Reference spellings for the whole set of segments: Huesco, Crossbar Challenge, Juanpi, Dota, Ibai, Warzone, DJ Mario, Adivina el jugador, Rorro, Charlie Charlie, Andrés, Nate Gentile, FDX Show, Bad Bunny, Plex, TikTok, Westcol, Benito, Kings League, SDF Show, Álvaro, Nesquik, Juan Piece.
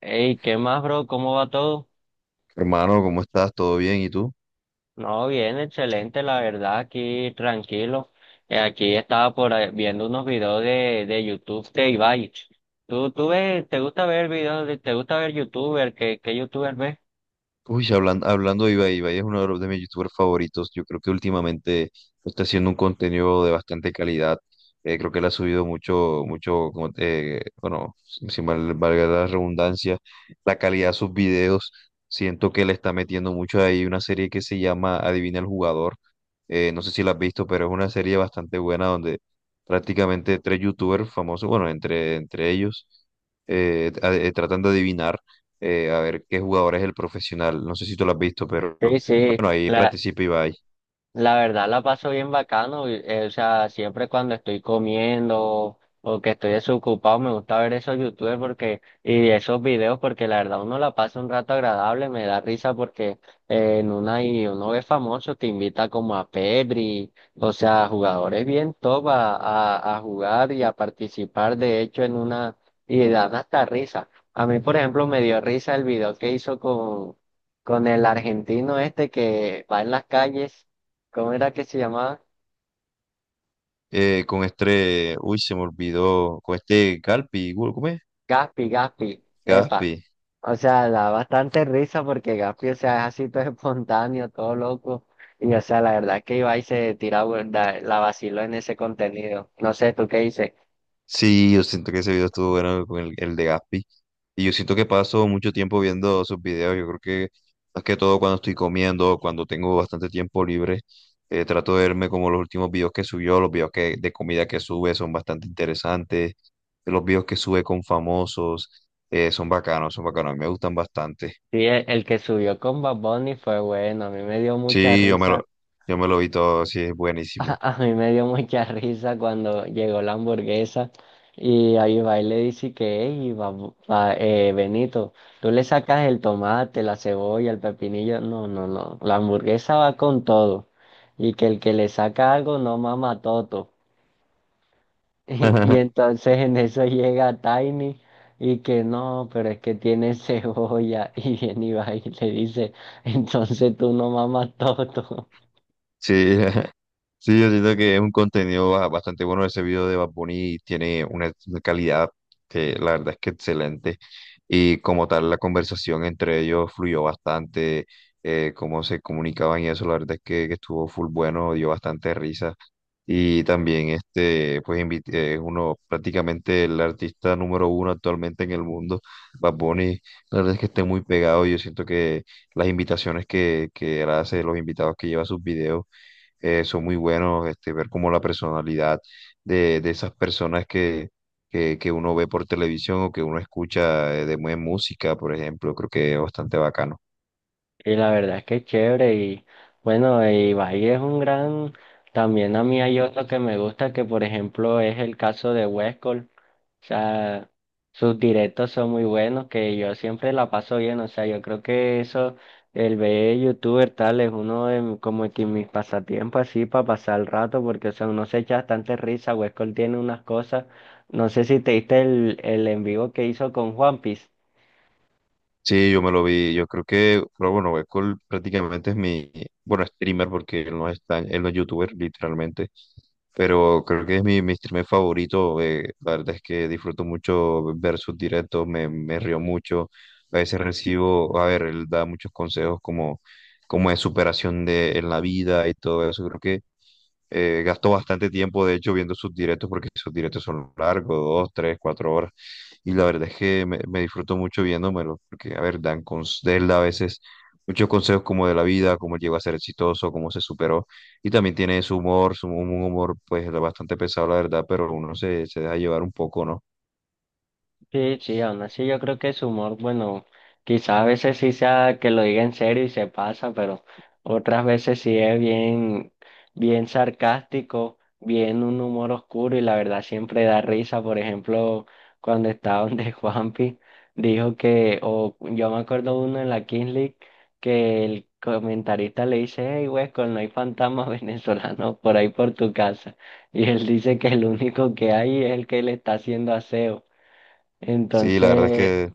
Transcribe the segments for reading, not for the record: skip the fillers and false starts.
Hey, ¿qué más, bro? ¿Cómo va todo? Hermano, ¿cómo estás? ¿Todo bien? ¿Y tú? No, bien, excelente, la verdad, aquí tranquilo. Aquí estaba por ahí viendo unos videos de YouTube de Ibai. ¿Tú ves, te gusta ver videos, te gusta ver YouTuber? ¿¿Qué YouTuber ves? Uy, hablando de Ibai, Ibai es uno de mis youtubers favoritos. Yo creo que últimamente está haciendo un contenido de bastante calidad. Creo que él ha subido mucho, mucho, bueno, sin valga la redundancia, la calidad de sus videos. Siento que le está metiendo mucho ahí una serie que se llama Adivina el jugador. No sé si la has visto, pero es una serie bastante buena donde prácticamente tres youtubers famosos, bueno, entre ellos, tratan de adivinar, a ver qué jugador es el profesional. No sé si tú lo has visto, pero Sí, sí, bueno, ahí participa Ibai. la verdad la paso bien bacano, y, o sea, siempre cuando estoy comiendo o que estoy desocupado me gusta ver esos youtubers porque, y esos videos porque la verdad uno la pasa un rato agradable, me da risa porque en una y uno ve famoso, te invita como a Pedri, o sea, jugadores bien top a jugar y a participar de hecho en una, y dan hasta risa. A mí, por ejemplo, me dio risa el video que hizo con el argentino este que va en las calles. ¿Cómo era que se llamaba? Con este, uy, se me olvidó, con este Galpi, ¿cómo es? Gaspi, Gaspi, epa. Gaspi. O sea, da bastante risa porque Gaspi, o sea, es así todo espontáneo, todo loco. Y, o sea, la verdad que Ibai se tira, la vaciló en ese contenido. No sé, ¿tú qué dices? Sí, yo siento que ese video estuvo bueno con el de Gaspi. Y yo siento que paso mucho tiempo viendo sus videos. Yo creo que más que todo cuando estoy comiendo, cuando tengo bastante tiempo libre, trato de verme como los últimos videos que subió, los videos que, de comida que sube son bastante interesantes. Los videos que sube con famosos, son bacanos, son bacanos. A mí me gustan bastante. Sí, el que subió con Bad Bunny fue bueno, a mí me dio mucha Sí, yo me risa. lo, yo me lo vi todo, sí, es buenísimo. A mí me dio mucha risa cuando llegó la hamburguesa y ahí va y le dice que, hey, Benito, tú le sacas el tomate, la cebolla, el pepinillo. No, no, no. La hamburguesa va con todo. Y que el que le saca algo no mama toto. Y entonces en eso llega Tiny y que no, pero es que tiene cebolla. Y viene y va y le dice, entonces tú no mamas toto. Sí, sí, yo siento que es un contenido bastante bueno ese video de Bad Bunny, tiene una calidad que la verdad es que excelente, y como tal la conversación entre ellos fluyó bastante, cómo se comunicaban y eso, la verdad es que estuvo full bueno, dio bastante risa y también este, pues es uno prácticamente el artista número uno actualmente en el mundo, Bad Bunny, la verdad es que está muy pegado, yo siento que las invitaciones que él hace, los invitados que lleva a sus videos, son muy buenos, este, ver como la personalidad de esas personas que uno ve por televisión o que uno escucha, de buena música, por ejemplo, creo que es bastante bacano. Y la verdad es que es chévere y bueno, y Bahía es un gran, también a mí hay otro que me gusta que por ejemplo es el caso de Westcol, o sea, sus directos son muy buenos que yo siempre la paso bien, o sea, yo creo que eso, el ver youtuber tal es uno de como que mis pasatiempos así para pasar el rato porque o sea, uno se echa bastante risa, Westcol tiene unas cosas, no sé si te diste el en vivo que hizo con Juan Piece. Sí, yo me lo vi. Yo creo que, pero bueno, Westcol prácticamente es mi, bueno, streamer porque él no es tan, él no es youtuber, literalmente. Pero creo que es mi streamer favorito. La verdad es que disfruto mucho ver sus directos, me río mucho. A veces recibo, a ver, él da muchos consejos como de superación de, en la vida y todo eso. Creo que, gasto bastante tiempo, de hecho, viendo sus directos porque sus directos son largos, 2, 3, 4 horas. Y la verdad es que me disfruto mucho viéndomelo, porque, a ver, dan de él a veces muchos consejos como de la vida, cómo llegó a ser exitoso, cómo se superó. Y también tiene su humor, un humor pues bastante pesado, la verdad, pero uno se deja llevar un poco, ¿no? Sí, sí, aún así yo creo que su humor, bueno, quizá a veces sí sea que lo diga en serio y se pasa, pero otras veces sí es bien, bien sarcástico, bien un humor oscuro y la verdad siempre da risa. Por ejemplo, cuando estaba donde Juanpi dijo que, o yo me acuerdo uno en la Kings League que el comentarista le dice, hey, Huesco, no hay fantasmas venezolanos por ahí por tu casa. Y él dice que el único que hay es el que le está haciendo aseo. Sí, la verdad es Entonces, que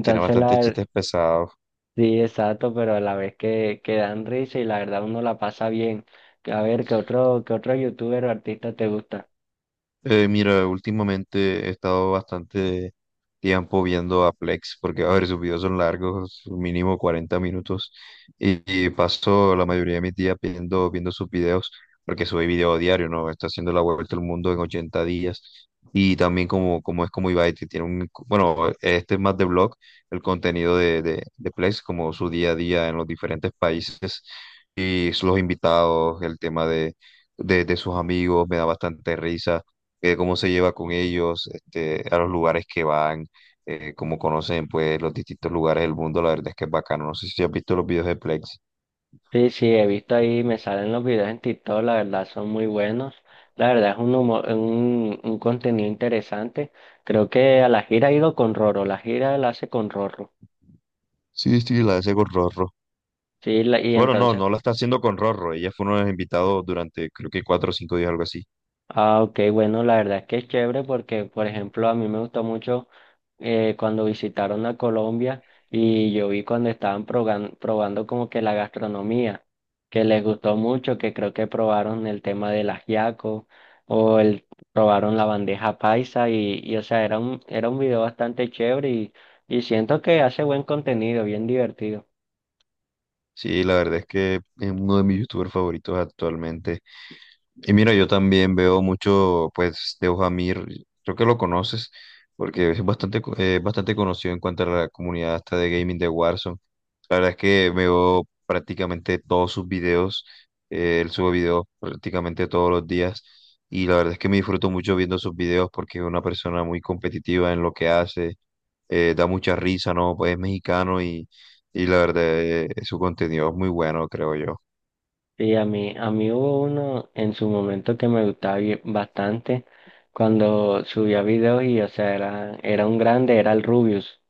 tiene bastantes chistes pesados. sí, exacto, pero a la vez que dan risa y la verdad uno la pasa bien. A ver, qué otro youtuber o artista te gusta? Mira, últimamente he estado bastante tiempo viendo a Plex porque, a ver, sus videos son largos, mínimo 40 minutos, y paso la mayoría de mis días viendo sus videos porque sube video diario, ¿no? Está haciendo la vuelta al mundo en 80 días. Y también como es como Ibai, que tiene un, bueno, este es más de blog, el contenido de Plex, como su día a día en los diferentes países y los invitados, el tema de sus amigos, me da bastante risa, cómo se lleva con ellos, este, a los lugares que van, cómo conocen pues los distintos lugares del mundo, la verdad es que es bacano. No sé si has visto los videos de Plex. Sí, sí, he visto ahí, me salen los videos en TikTok, la verdad son muy buenos. La verdad es un un contenido interesante. Creo que a la gira ha ido con Roro, la gira la hace con Roro. Sí, sí, la hace con Rorro. Sí, y Bueno, no, entonces no la está haciendo con Rorro. Ella fue uno de los invitados durante creo que 4 o 5 días, algo así. ah, ok, bueno, la verdad es que es chévere porque, por ejemplo, a mí me gustó mucho cuando visitaron a Colombia y yo vi cuando estaban probando como que la gastronomía, que les gustó mucho, que creo que probaron el tema del ajiaco o el, probaron la bandeja paisa y o sea, era un video bastante chévere y siento que hace buen contenido, bien divertido. Sí, la verdad es que es uno de mis youtubers favoritos actualmente. Y mira, yo también veo mucho, pues, de Ojamir, creo que lo conoces, porque es bastante, bastante conocido en cuanto a la comunidad hasta de gaming de Warzone. La verdad es que veo prácticamente todos sus videos, él sube videos prácticamente todos los días, y la verdad es que me disfruto mucho viendo sus videos porque es una persona muy competitiva en lo que hace, da mucha risa, ¿no? Pues es mexicano y la verdad, su contenido es muy bueno, creo yo. Sí, a mí hubo uno en su momento que me gustaba bastante cuando subía videos y, o sea, era un grande, era el Rubius.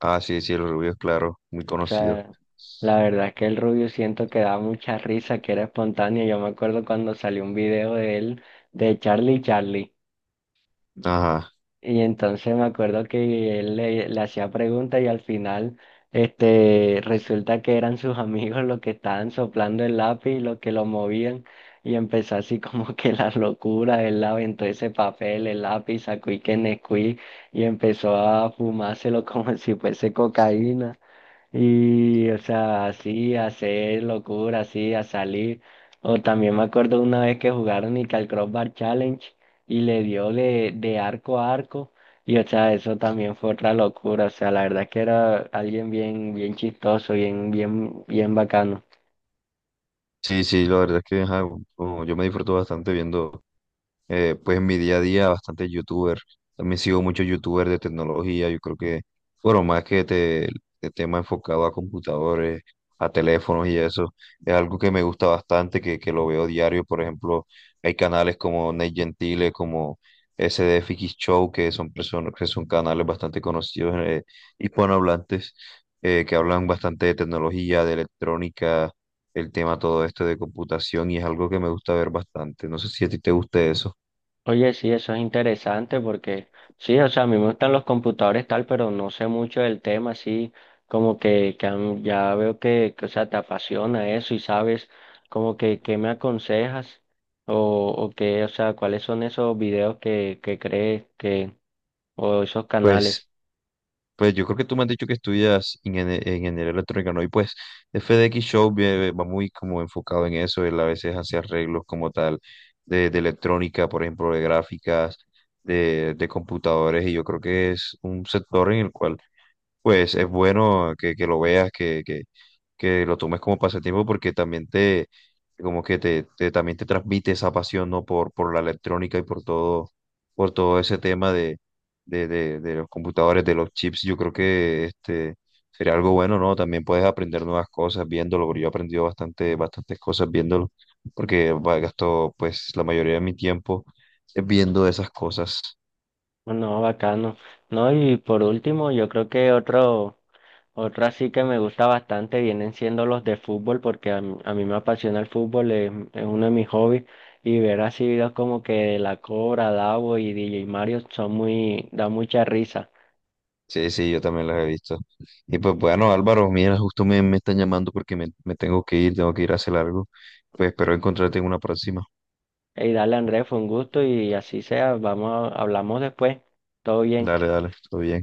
Ah, sí, sí, el rubio es claro, muy O conocido. sea, la verdad es que el Rubius siento que daba mucha risa, que era espontáneo. Yo me acuerdo cuando salió un video de él, de Charlie Charlie. Ajá. Y entonces me acuerdo que él le hacía preguntas y al final resulta que eran sus amigos los que estaban soplando el lápiz y los que lo movían. Y empezó así como que la locura, él aventó ese papel, el lápiz, sacó y que Nesquik y empezó a fumárselo como si fuese cocaína. Y, o sea, así, a hacer locura, así, a salir. O también me acuerdo una vez que jugaron y que al Crossbar Challenge y le dio de arco a arco. Y, o sea, eso también fue otra locura. O sea, la verdad es que era alguien bien, bien chistoso, bien, bien, bien bacano. Sí, sí, la verdad es que ajá, como yo me disfruto bastante viendo, pues en mi día a día, bastante youtuber. También sigo muchos youtubers de tecnología. Yo creo que, bueno, más que te, de tema enfocado a computadores, a teléfonos y eso, es algo que me gusta bastante, que lo veo diario. Por ejemplo, hay canales como Nate Gentile, como SDF Show, que son personas, que son canales bastante conocidos, hispanohablantes, que hablan bastante de tecnología, de electrónica, el tema todo esto de computación y es algo que me gusta ver bastante. No sé si a ti te gusta eso. Oye, sí, eso es interesante porque sí, o sea, a mí me gustan los computadores tal, pero no sé mucho del tema, así como que ya veo o sea, te apasiona eso y sabes como que qué me aconsejas o, o qué, o sea, cuáles son esos videos que crees que, o esos canales. Pues Pues yo creo que tú me has dicho que estudias ingeniería electrónica, ¿no? Y pues FDX Show va muy como enfocado en eso, él a veces hace arreglos como tal de electrónica, por ejemplo, de gráficas, de computadores, y yo creo que es un sector en el cual pues es bueno que lo veas, que lo tomes como pasatiempo porque también te, como que te- también te transmite esa pasión, ¿no? Por la electrónica y por todo ese tema de los computadores, de los chips, yo creo que este sería algo bueno, ¿no? También puedes aprender nuevas cosas viéndolo, porque yo he aprendido bastante, bastantes cosas viéndolo, porque gasto pues la mayoría de mi tiempo, viendo esas cosas. No, bacano. No, y por último, yo creo que otro. Otra sí que me gusta bastante vienen siendo los de fútbol porque a mí me apasiona el fútbol, es uno de mis hobbies y ver así videos como que de La Cobra, Davo y DJ Mario son muy, da mucha risa. Sí, sí, yo también las he visto. Y pues bueno, Álvaro, mira, justo me están llamando porque me tengo que ir a hacer algo. Pues espero encontrarte en una próxima. Y dale, Andrés, fue un gusto y así sea, vamos, hablamos después. Todo bien. Dale, dale, todo bien.